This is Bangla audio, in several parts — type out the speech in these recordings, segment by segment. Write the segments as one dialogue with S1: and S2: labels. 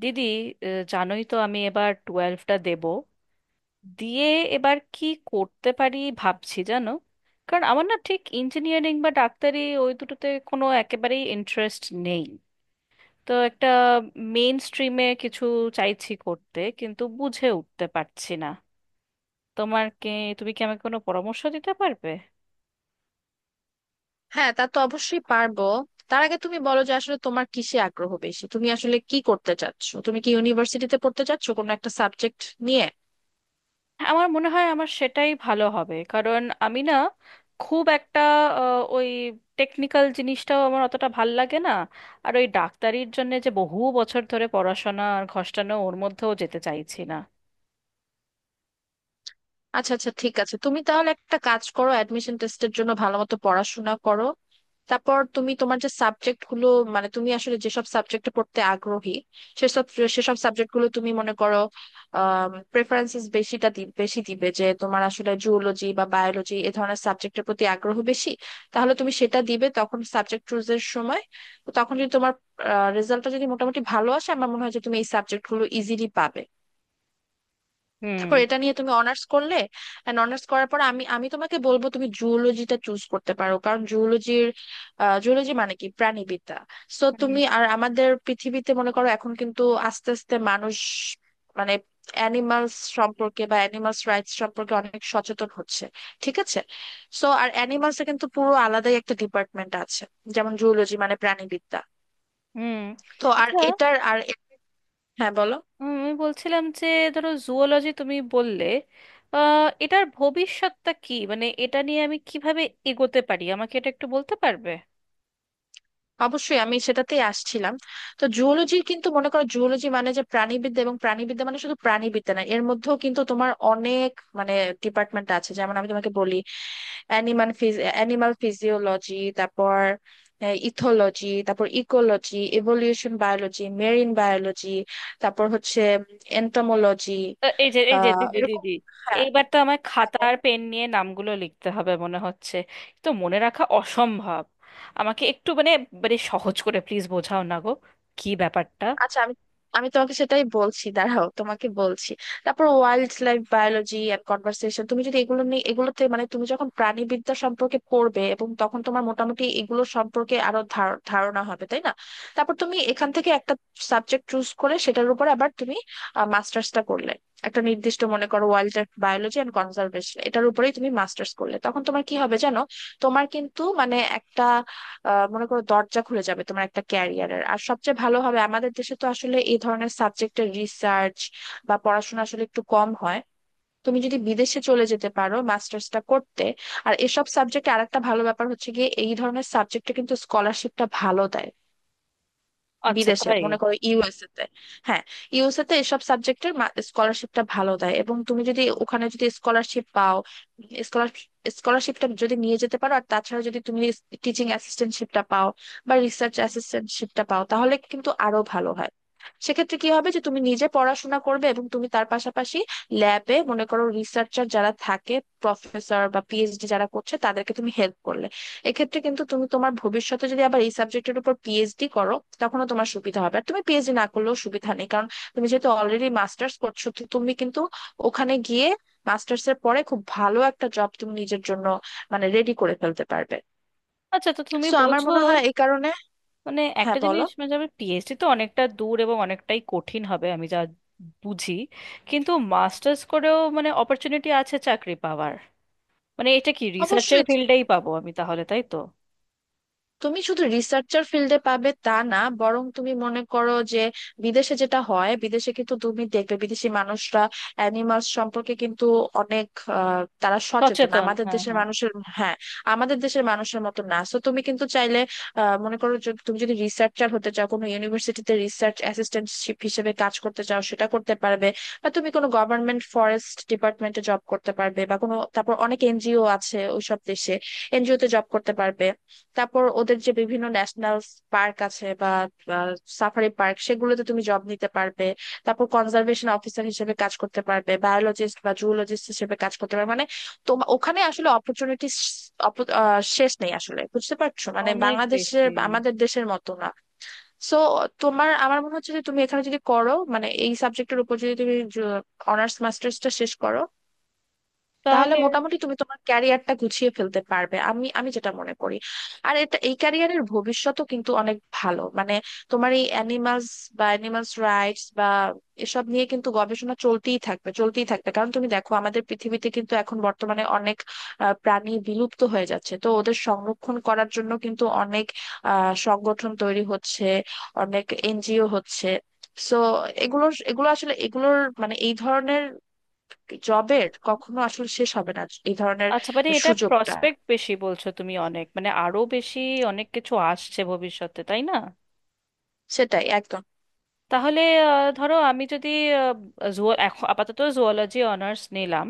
S1: দিদি, জানোই তো আমি এবার টুয়েলভটা দেব দিয়ে এবার কি করতে পারি ভাবছি জানো। কারণ আমার না ঠিক ইঞ্জিনিয়ারিং বা ডাক্তারি ওই দুটোতে কোনো একেবারেই ইন্টারেস্ট নেই। তো একটা মেইন স্ট্রিমে কিছু চাইছি করতে, কিন্তু বুঝে উঠতে পারছি না। তোমার কি, তুমি কি আমাকে কোনো পরামর্শ দিতে পারবে?
S2: হ্যাঁ, তা তো অবশ্যই পারবো। তার আগে তুমি বলো যে আসলে তোমার কিসে আগ্রহ বেশি, তুমি আসলে কি করতে চাচ্ছো, তুমি কি ইউনিভার্সিটিতে পড়তে চাচ্ছো কোনো একটা সাবজেক্ট নিয়ে?
S1: আমার মনে হয় আমার সেটাই ভালো হবে, কারণ আমি না খুব একটা ওই টেকনিক্যাল জিনিসটাও আমার অতটা ভাল লাগে না। আর ওই ডাক্তারির জন্য যে বহু বছর ধরে পড়াশোনা আর ঘষ্টানো, ওর মধ্যেও যেতে চাইছি না।
S2: আচ্ছা আচ্ছা, ঠিক আছে, তুমি তাহলে একটা কাজ করো, অ্যাডমিশন টেস্টের জন্য ভালো মতো পড়াশোনা করো। তারপর তুমি তোমার যে সাবজেক্ট গুলো, মানে তুমি আসলে যেসব সাবজেক্টে পড়তে আগ্রহী, সেসব সেসব সাবজেক্ট গুলো তুমি মনে করো প্রেফারেন্সেস বেশিটা বেশি দিবে। যে তোমার আসলে জুওলজি বা বায়োলজি এ ধরনের সাবজেক্টের প্রতি আগ্রহ বেশি, তাহলে তুমি সেটা দিবে তখন সাবজেক্ট চুজের সময়। তো তখন যদি তোমার রেজাল্টটা যদি মোটামুটি ভালো আসে, আমার মনে হয় যে তুমি এই সাবজেক্ট গুলো ইজিলি পাবে।
S1: হুম।
S2: তারপর এটা নিয়ে তুমি অনার্স করলে, এন্ড অনার্স করার পর আমি আমি তোমাকে বলবো তুমি জুওলজিটা চুজ করতে পারো, কারণ জুওলজির, জুওলজি মানে কি প্রাণীবিদ্যা। সো
S1: হুম।
S2: তুমি আর আমাদের পৃথিবীতে মনে করো এখন কিন্তু আস্তে আস্তে মানুষ, মানে অ্যানিমালস সম্পর্কে বা অ্যানিমালস রাইটস সম্পর্কে অনেক সচেতন হচ্ছে। ঠিক আছে। সো আর অ্যানিমালস এর কিন্তু পুরো আলাদাই একটা ডিপার্টমেন্ট আছে, যেমন জুওলজি মানে প্রাণীবিদ্যা।
S1: হুম।
S2: তো আর
S1: আচ্ছা।
S2: এটার আর হ্যাঁ বলো।
S1: আমি বলছিলাম যে ধরো জুওলজি তুমি বললে, এটার ভবিষ্যৎটা কি, মানে এটা নিয়ে আমি কিভাবে এগোতে পারি আমাকে এটা একটু বলতে পারবে?
S2: অবশ্যই আমি সেটাতেই আসছিলাম। তো জুওলজির কিন্তু মনে করো জুওলজি মানে যে প্রাণীবিদ্যা, এবং প্রাণীবিদ্যা মানে শুধু প্রাণীবিদ্যা না, এর মধ্যেও কিন্তু তোমার অনেক মানে ডিপার্টমেন্ট আছে, যেমন আমি তোমাকে বলি অ্যানিমাল অ্যানিমাল ফিজিওলজি, তারপর ইথোলজি, তারপর ecology, evolution biology, marine biology, তারপর হচ্ছে এন্টোমোলজি,
S1: এই যে এই যে দিদি
S2: এরকম।
S1: দিদি,
S2: হ্যাঁ
S1: এইবার তো আমার খাতা
S2: হ্যাঁ,
S1: আর পেন নিয়ে নামগুলো লিখতে হবে মনে হচ্ছে। তো মনে রাখা অসম্ভব। আমাকে একটু মানে, মানে সহজ করে প্লিজ বোঝাও না গো, কি ব্যাপারটা।
S2: আচ্ছা। আমি আমি তোমাকে সেটাই বলছি, দাঁড়াও তোমাকে বলছি। তারপর wildlife biology and conversation, তুমি যদি এগুলো নিয়ে এগুলোতে, মানে তুমি যখন প্রাণীবিদ্যা সম্পর্কে পড়বে, এবং তখন তোমার মোটামুটি এগুলো সম্পর্কে আরো ধারণা হবে, তাই না? তারপর তুমি এখান থেকে একটা সাবজেক্ট চুজ করে সেটার উপর আবার তুমি মাস্টার্সটা করলে, একটা নির্দিষ্ট মনে করো wildlife biology and conservation, এটার উপরেই তুমি মাস্টার্স করলে তখন তোমার কি হবে জানো? তোমার কিন্তু মানে একটা মনে করো দরজা খুলে যাবে তোমার একটা ক্যারিয়ারের। আর সবচেয়ে ভালো হবে, আমাদের দেশে তো আসলে এই ধরনের সাবজেক্টের রিসার্চ বা পড়াশোনা আসলে একটু কম হয়, তুমি যদি বিদেশে চলে যেতে পারো মাস্টার্সটা করতে। আর এসব সাবজেক্টে আরেকটা ভালো ব্যাপার হচ্ছে গিয়ে, এই ধরনের সাবজেক্টে কিন্তু স্কলারশিপটা ভালো দেয়।
S1: আচ্ছা,
S2: বিদেশে
S1: তাই?
S2: মনে করো ইউএসএ তে, হ্যাঁ, ইউএসএ তে এসব সাবজেক্টের স্কলারশিপটা ভালো দেয়। এবং তুমি যদি ওখানে যদি স্কলারশিপ পাও, স্কলারশিপটা যদি নিয়ে যেতে পারো, আর তাছাড়া যদি তুমি টিচিং অ্যাসিস্ট্যান্টশিপটা পাও বা রিসার্চ অ্যাসিস্ট্যান্টশিপটা পাও, তাহলে কিন্তু আরো ভালো হয়। সেক্ষেত্রে কি হবে যে তুমি নিজে পড়াশোনা করবে এবং তুমি তার পাশাপাশি ল্যাবে মনে করো রিসার্চার যারা থাকে, প্রফেসর বা পিএইচডি যারা করছে, তাদেরকে তুমি হেল্প করলে, এক্ষেত্রে কিন্তু তুমি তোমার ভবিষ্যতে যদি আবার এই সাবজেক্টের উপর পিএইচডি করো, তখনও তোমার সুবিধা হবে। আর তুমি পিএইচডি না করলেও সুবিধা নেই, কারণ তুমি যেহেতু অলরেডি মাস্টার্স করছো, তো তুমি কিন্তু ওখানে গিয়ে মাস্টার্স এর পরে খুব ভালো একটা জব তুমি নিজের জন্য মানে রেডি করে ফেলতে পারবে।
S1: আচ্ছা, তো তুমি
S2: সো আমার
S1: বলছো
S2: মনে হয় এই কারণে,
S1: মানে
S2: হ্যাঁ
S1: একটা
S2: বলো।
S1: জিনিস, মানে যাবে পিএইচডি তো অনেকটা দূর এবং অনেকটাই কঠিন হবে আমি যা বুঝি। কিন্তু মাস্টার্স করেও মানে অপরচুনিটি আছে চাকরি পাওয়ার, মানে এটা কি রিসার্চের
S2: অবশ্যই।
S1: ফিল্ডেই পাবো আমি তাহলে, তাই তো?
S2: তুমি শুধু রিসার্চার ফিল্ডে পাবে তা না, বরং তুমি মনে করো যে বিদেশে যেটা হয়, বিদেশে কিন্তু তুমি দেখবে বিদেশি মানুষরা অ্যানিমালস সম্পর্কে কিন্তু অনেক, তারা সচেতন
S1: সচেতন,
S2: আমাদের
S1: হ্যাঁ
S2: দেশের
S1: হ্যাঁ।
S2: মানুষের, হ্যাঁ, আমাদের দেশের মানুষের মতো না। তো তুমি কিন্তু চাইলে, মনে করো তুমি যদি রিসার্চার হতে চাও, কোনো ইউনিভার্সিটিতে রিসার্চ অ্যাসিস্ট্যান্টশিপ হিসেবে কাজ করতে চাও, সেটা করতে পারবে। বা তুমি কোনো গভর্নমেন্ট ফরেস্ট ডিপার্টমেন্টে জব করতে পারবে, বা কোনো তারপর অনেক এনজিও আছে ওইসব দেশে, এনজিওতে জব করতে পারবে। তারপর ওদের যে বিভিন্ন ন্যাশনাল পার্ক আছে বা সাফারি পার্ক, সেগুলোতে তুমি জব নিতে পারবে। তারপর কনজারভেশন অফিসার হিসেবে কাজ করতে পারবে, বায়োলজিস্ট বা জুলজিস্ট হিসেবে কাজ করতে পারবে, মানে তোমার ওখানে আসলে অপরচুনিটি শেষ নেই আসলে, বুঝতে পারছো? মানে
S1: অনেক
S2: বাংলাদেশের,
S1: বেশি।
S2: আমাদের দেশের মতো না। সো তোমার, আমার মনে হচ্ছে যে তুমি এখানে যদি করো, মানে এই সাবজেক্টের উপর যদি তুমি অনার্স মাস্টার্সটা শেষ করো, তাহলে
S1: তাহলে
S2: মোটামুটি তুমি তোমার ক্যারিয়ারটা গুছিয়ে ফেলতে পারবে, আমি আমি যেটা মনে করি। আর এটা এই ক্যারিয়ারের ভবিষ্যতও কিন্তু অনেক ভালো, মানে তোমার এই অ্যানিমালস বা অ্যানিমালস রাইটস বা এসব নিয়ে কিন্তু গবেষণা চলতেই থাকবে চলতেই থাকবে, কারণ তুমি দেখো আমাদের পৃথিবীতে কিন্তু এখন বর্তমানে অনেক প্রাণী বিলুপ্ত হয়ে যাচ্ছে, তো ওদের সংরক্ষণ করার জন্য কিন্তু অনেক সংগঠন তৈরি হচ্ছে, অনেক এনজিও হচ্ছে। সো এগুলোর এগুলো আসলে এগুলোর মানে এই ধরনের জবের কখনো আসলে শেষ হবে না এই ধরনের
S1: আচ্ছা, মানে এটা
S2: সুযোগটা।
S1: প্রসপেক্ট বেশি বলছো তুমি, অনেক মানে আরো বেশি অনেক কিছু আসছে ভবিষ্যতে তাই না?
S2: সেটাই একদম।
S1: তাহলে ধরো আমি যদি এখন আপাতত জুওলজি অনার্স নিলাম,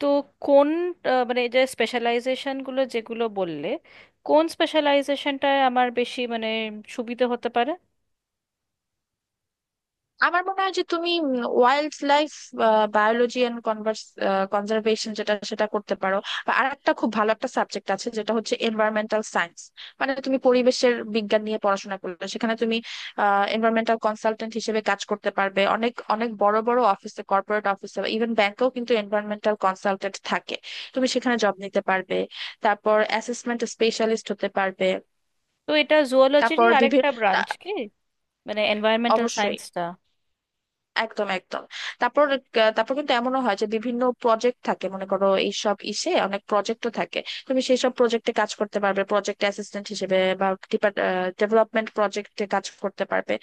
S1: তো কোন, মানে এই যে স্পেশালাইজেশন গুলো যেগুলো বললে, কোন স্পেশালাইজেশনটায় আমার বেশি মানে সুবিধা হতে পারে?
S2: আমার মনে হয় যে তুমি wildlife biology and conservation যেটা, সেটা করতে পারো। আর একটা খুব ভালো একটা সাবজেক্ট আছে, যেটা হচ্ছে এনভায়রনমেন্টাল সায়েন্স, মানে তুমি পরিবেশের বিজ্ঞান নিয়ে পড়াশোনা করলে সেখানে তুমি এনভায়রনমেন্টাল কনসালটেন্ট হিসেবে কাজ করতে পারবে অনেক অনেক বড় বড় অফিসে, কর্পোরেট অফিসে, ইভেন ব্যাংকেও কিন্তু এনভায়রনমেন্টাল কনসালটেন্ট থাকে, তুমি সেখানে জব নিতে পারবে। তারপর অ্যাসেসমেন্ট স্পেশালিস্ট হতে পারবে,
S1: তো এটা জুওলজিরই
S2: তারপর
S1: আরেকটা
S2: বিভিন্ন।
S1: ব্রাঞ্চ কি, মানে এনভায়রনমেন্টাল
S2: অবশ্যই,
S1: সায়েন্সটা?
S2: একদম একদম। তারপর তারপর কিন্তু এমনও হয় যে বিভিন্ন প্রজেক্ট থাকে, মনে করো এইসব ইসে অনেক প্রজেক্টও থাকে, তুমি সেই সব প্রজেক্টে কাজ করতে পারবে প্রজেক্ট অ্যাসিস্ট্যান্ট হিসেবে বা ডেভেলপমেন্ট প্রজেক্টে কাজ করতে পারবে।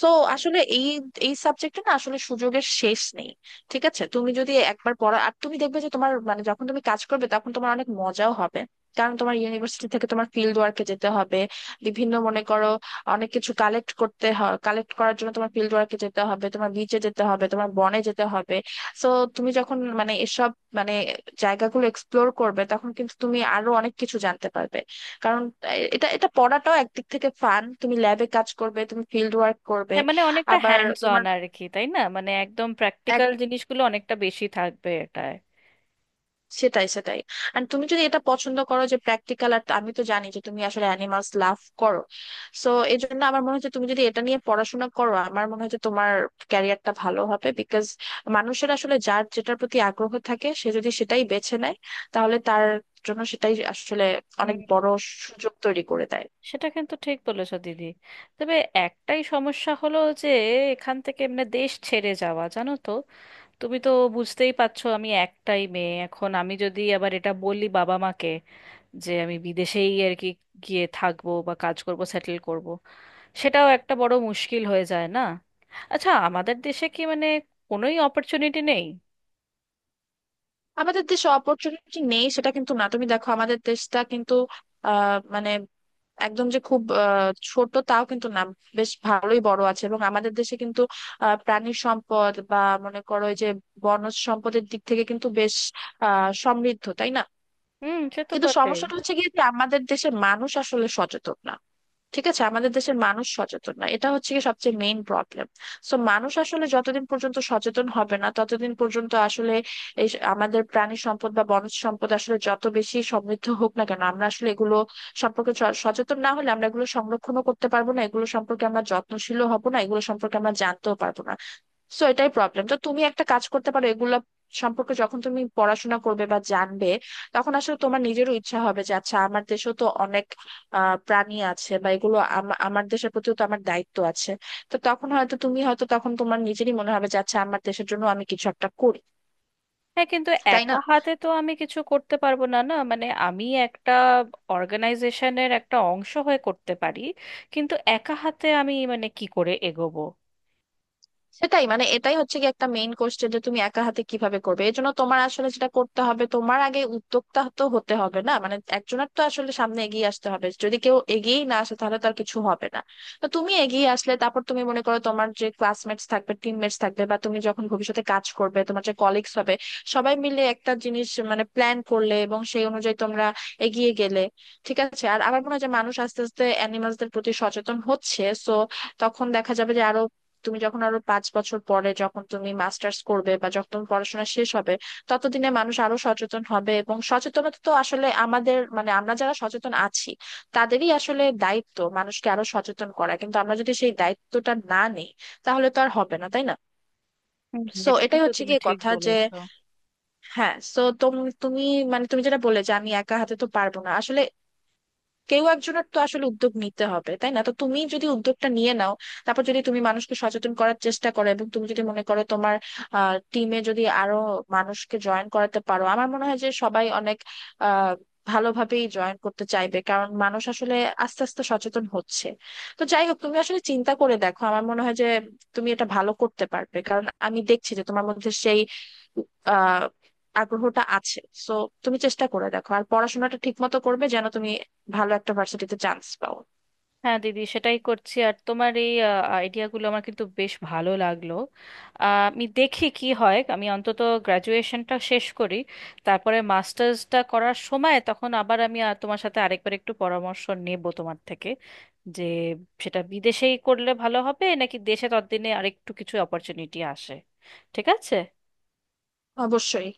S2: সো আসলে এই এই সাবজেক্টে না আসলে সুযোগের শেষ নেই। ঠিক আছে, তুমি যদি একবার পড়া, আর তুমি দেখবে যে তোমার, মানে যখন তুমি কাজ করবে তখন তোমার অনেক মজাও হবে, কারণ তোমার ইউনিভার্সিটি থেকে তোমার ফিল্ড ওয়ার্কে যেতে হবে, বিভিন্ন মনে করো অনেক কিছু কালেক্ট করতে হয়, কালেক্ট করার জন্য তোমার ফিল্ড ওয়ার্কে যেতে হবে, তোমার বিচে যেতে হবে, তোমার বনে যেতে হবে। সো তুমি যখন মানে এসব মানে জায়গাগুলো এক্সপ্লোর করবে তখন কিন্তু তুমি আরো অনেক কিছু জানতে পারবে, কারণ এ- এটা এটা পড়াটাও একদিক থেকে ফান, তুমি ল্যাবে কাজ করবে, তুমি ফিল্ড ওয়ার্ক করবে
S1: হ্যাঁ মানে অনেকটা
S2: আবার।
S1: হ্যান্ডস অন
S2: তোমার
S1: আর কি, তাই না, মানে একদম প্র্যাকটিক্যাল জিনিসগুলো অনেকটা বেশি থাকবে এটায়।
S2: সেটাই সেটাই। আর তুমি যদি এটা পছন্দ করো যে প্র্যাকটিক্যাল, আর আমি তো জানি যে তুমি আসলে অ্যানিমালস লাভ করো, সো এই জন্য আমার মনে হচ্ছে তুমি যদি এটা নিয়ে পড়াশোনা করো, আমার মনে হচ্ছে তোমার ক্যারিয়ারটা ভালো হবে, বিকজ মানুষের আসলে যার যেটার প্রতি আগ্রহ থাকে সে যদি সেটাই বেছে নেয়, তাহলে তার জন্য সেটাই আসলে অনেক
S1: হুম।
S2: বড় সুযোগ তৈরি করে দেয়।
S1: সেটা কিন্তু ঠিক বলেছো দিদি। তবে একটাই সমস্যা হলো যে এখান থেকে মানে দেশ ছেড়ে যাওয়া, জানো তো, তুমি তো বুঝতেই পারছো আমি একটাই মেয়ে, এখন আমি যদি আবার এটা বলি বাবা মাকে যে আমি বিদেশেই আর কি গিয়ে থাকবো বা কাজ করব, সেটেল করব, সেটাও একটা বড় মুশকিল হয়ে যায় না? আচ্ছা আমাদের দেশে কি মানে কোনোই অপরচুনিটি নেই?
S2: আমাদের দেশে অপরচুনিটি নেই সেটা কিন্তু না। তুমি দেখো আমাদের দেশটা কিন্তু মানে একদম যে খুব ছোট তাও কিন্তু না, বেশ ভালোই বড় আছে। এবং আমাদের দেশে কিন্তু প্রাণী সম্পদ বা মনে করো এই যে বনজ সম্পদের দিক থেকে কিন্তু বেশ সমৃদ্ধ, তাই না?
S1: হুম, সে তো
S2: কিন্তু
S1: বটে।
S2: সমস্যাটা হচ্ছে কি, যে আমাদের দেশের মানুষ আসলে সচেতন না। ঠিক আছে, আমাদের দেশের মানুষ সচেতন না, এটা হচ্ছে কি সবচেয়ে মেইন প্রবলেম। সো মানুষ আসলে যতদিন পর্যন্ত সচেতন হবে না ততদিন পর্যন্ত আসলে এই আমাদের প্রাণী সম্পদ বা বনজ সম্পদ আসলে যত বেশি সমৃদ্ধ হোক না কেন, আমরা আসলে এগুলো সম্পর্কে সচেতন না হলে আমরা এগুলো সংরক্ষণও করতে পারবো না, এগুলো সম্পর্কে আমরা যত্নশীলও হব না, এগুলো সম্পর্কে আমরা জানতেও পারবো না। সো এটাই প্রবলেম। তো তুমি একটা কাজ করতে পারো, এগুলা সম্পর্কে যখন তুমি পড়াশোনা করবে বা জানবে, তখন আসলে তোমার নিজেরও ইচ্ছা হবে যে আচ্ছা, আমার দেশেও তো অনেক প্রাণী আছে বা এগুলো আমার দেশের প্রতিও তো আমার দায়িত্ব আছে। তো তখন হয়তো তুমি হয়তো তখন তোমার নিজেরই মনে হবে যে আচ্ছা, আমার দেশের জন্য আমি কিছু একটা করি,
S1: হ্যাঁ কিন্তু
S2: তাই
S1: একা
S2: না?
S1: হাতে তো আমি কিছু করতে পারবো না, না মানে আমি একটা অর্গানাইজেশনের একটা অংশ হয়ে করতে পারি, কিন্তু একা হাতে আমি মানে কি করে এগোবো?
S2: সেটাই, মানে এটাই হচ্ছে কি একটা মেইন কোশ্চেন, যে তুমি একা হাতে কিভাবে করবে। এর জন্য তোমার আসলে যেটা করতে হবে, তোমার আগে উদ্যোক্তা তো হতে হবে না, মানে একজনের তো আসলে সামনে এগিয়ে আসতে হবে, যদি কেউ এগিয়েই না আসে তাহলে তার কিছু হবে না। তো তুমি এগিয়ে আসলে তারপর তুমি মনে করো তোমার যে ক্লাসমেটস থাকবে, টিমমেটস থাকবে, বা তুমি যখন ভবিষ্যতে কাজ করবে তোমার যে কলিগস হবে, সবাই মিলে একটা জিনিস মানে প্ল্যান করলে এবং সেই অনুযায়ী তোমরা এগিয়ে গেলে, ঠিক আছে। আর আমার মনে হয় যে মানুষ আস্তে আস্তে অ্যানিমালসদের প্রতি সচেতন হচ্ছে, সো তখন দেখা যাবে যে আরো, তুমি যখন আরো 5 বছর পরে যখন তুমি মাস্টার্স করবে বা যখন তোমার পড়াশোনা শেষ হবে, ততদিনে মানুষ আরো সচেতন হবে। এবং সচেতনতা তো আসলে আমাদের মানে আমরা যারা সচেতন আছি তাদেরই আসলে দায়িত্ব মানুষকে আরো সচেতন করা, কিন্তু আমরা যদি সেই দায়িত্বটা না নিই তাহলে তো আর হবে না, তাই না?
S1: হুম,
S2: সো
S1: এটা
S2: এটাই
S1: কিন্তু
S2: হচ্ছে
S1: তুমি
S2: কি
S1: ঠিক
S2: কথা যে,
S1: বলেছো।
S2: হ্যাঁ। সো তুমি, মানে তুমি যেটা বললে যে আমি একা হাতে তো পারবো না, আসলে কেউ একজনের তো আসলে উদ্যোগ নিতে হবে, তাই না? তো তুমি যদি উদ্যোগটা নিয়ে নাও, তারপর যদি তুমি মানুষকে সচেতন করার চেষ্টা করো এবং তুমি যদি মনে করো তোমার টিমে যদি আরো মানুষকে জয়েন করাতে পারো, আমার মনে হয় যে সবাই অনেক আহ ভালোভাবেই জয়েন করতে চাইবে, কারণ মানুষ আসলে আস্তে আস্তে সচেতন হচ্ছে। তো যাই হোক, তুমি আসলে চিন্তা করে দেখো। আমার মনে হয় যে তুমি এটা ভালো করতে পারবে, কারণ আমি দেখছি যে তোমার মধ্যে সেই আহ আগ্রহটা আছে। সো তুমি চেষ্টা করে দেখো, আর পড়াশোনাটা ঠিক মতো করবে যেন তুমি ভালো একটা ভার্সিটিতে চান্স পাও।
S1: হ্যাঁ দিদি, সেটাই করছি। আর তোমার এই আইডিয়াগুলো আমার কিন্তু বেশ ভালো লাগলো। আমি দেখি কি হয়, আমি অন্তত গ্র্যাজুয়েশনটা শেষ করি, তারপরে মাস্টার্সটা করার সময় তখন আবার আমি তোমার সাথে আরেকবার একটু পরামর্শ নেব তোমার থেকে, যে সেটা বিদেশেই করলে ভালো হবে নাকি দেশে ততদিনে আরেকটু কিছু অপরচুনিটি আসে। ঠিক আছে।
S2: অবশ্যই।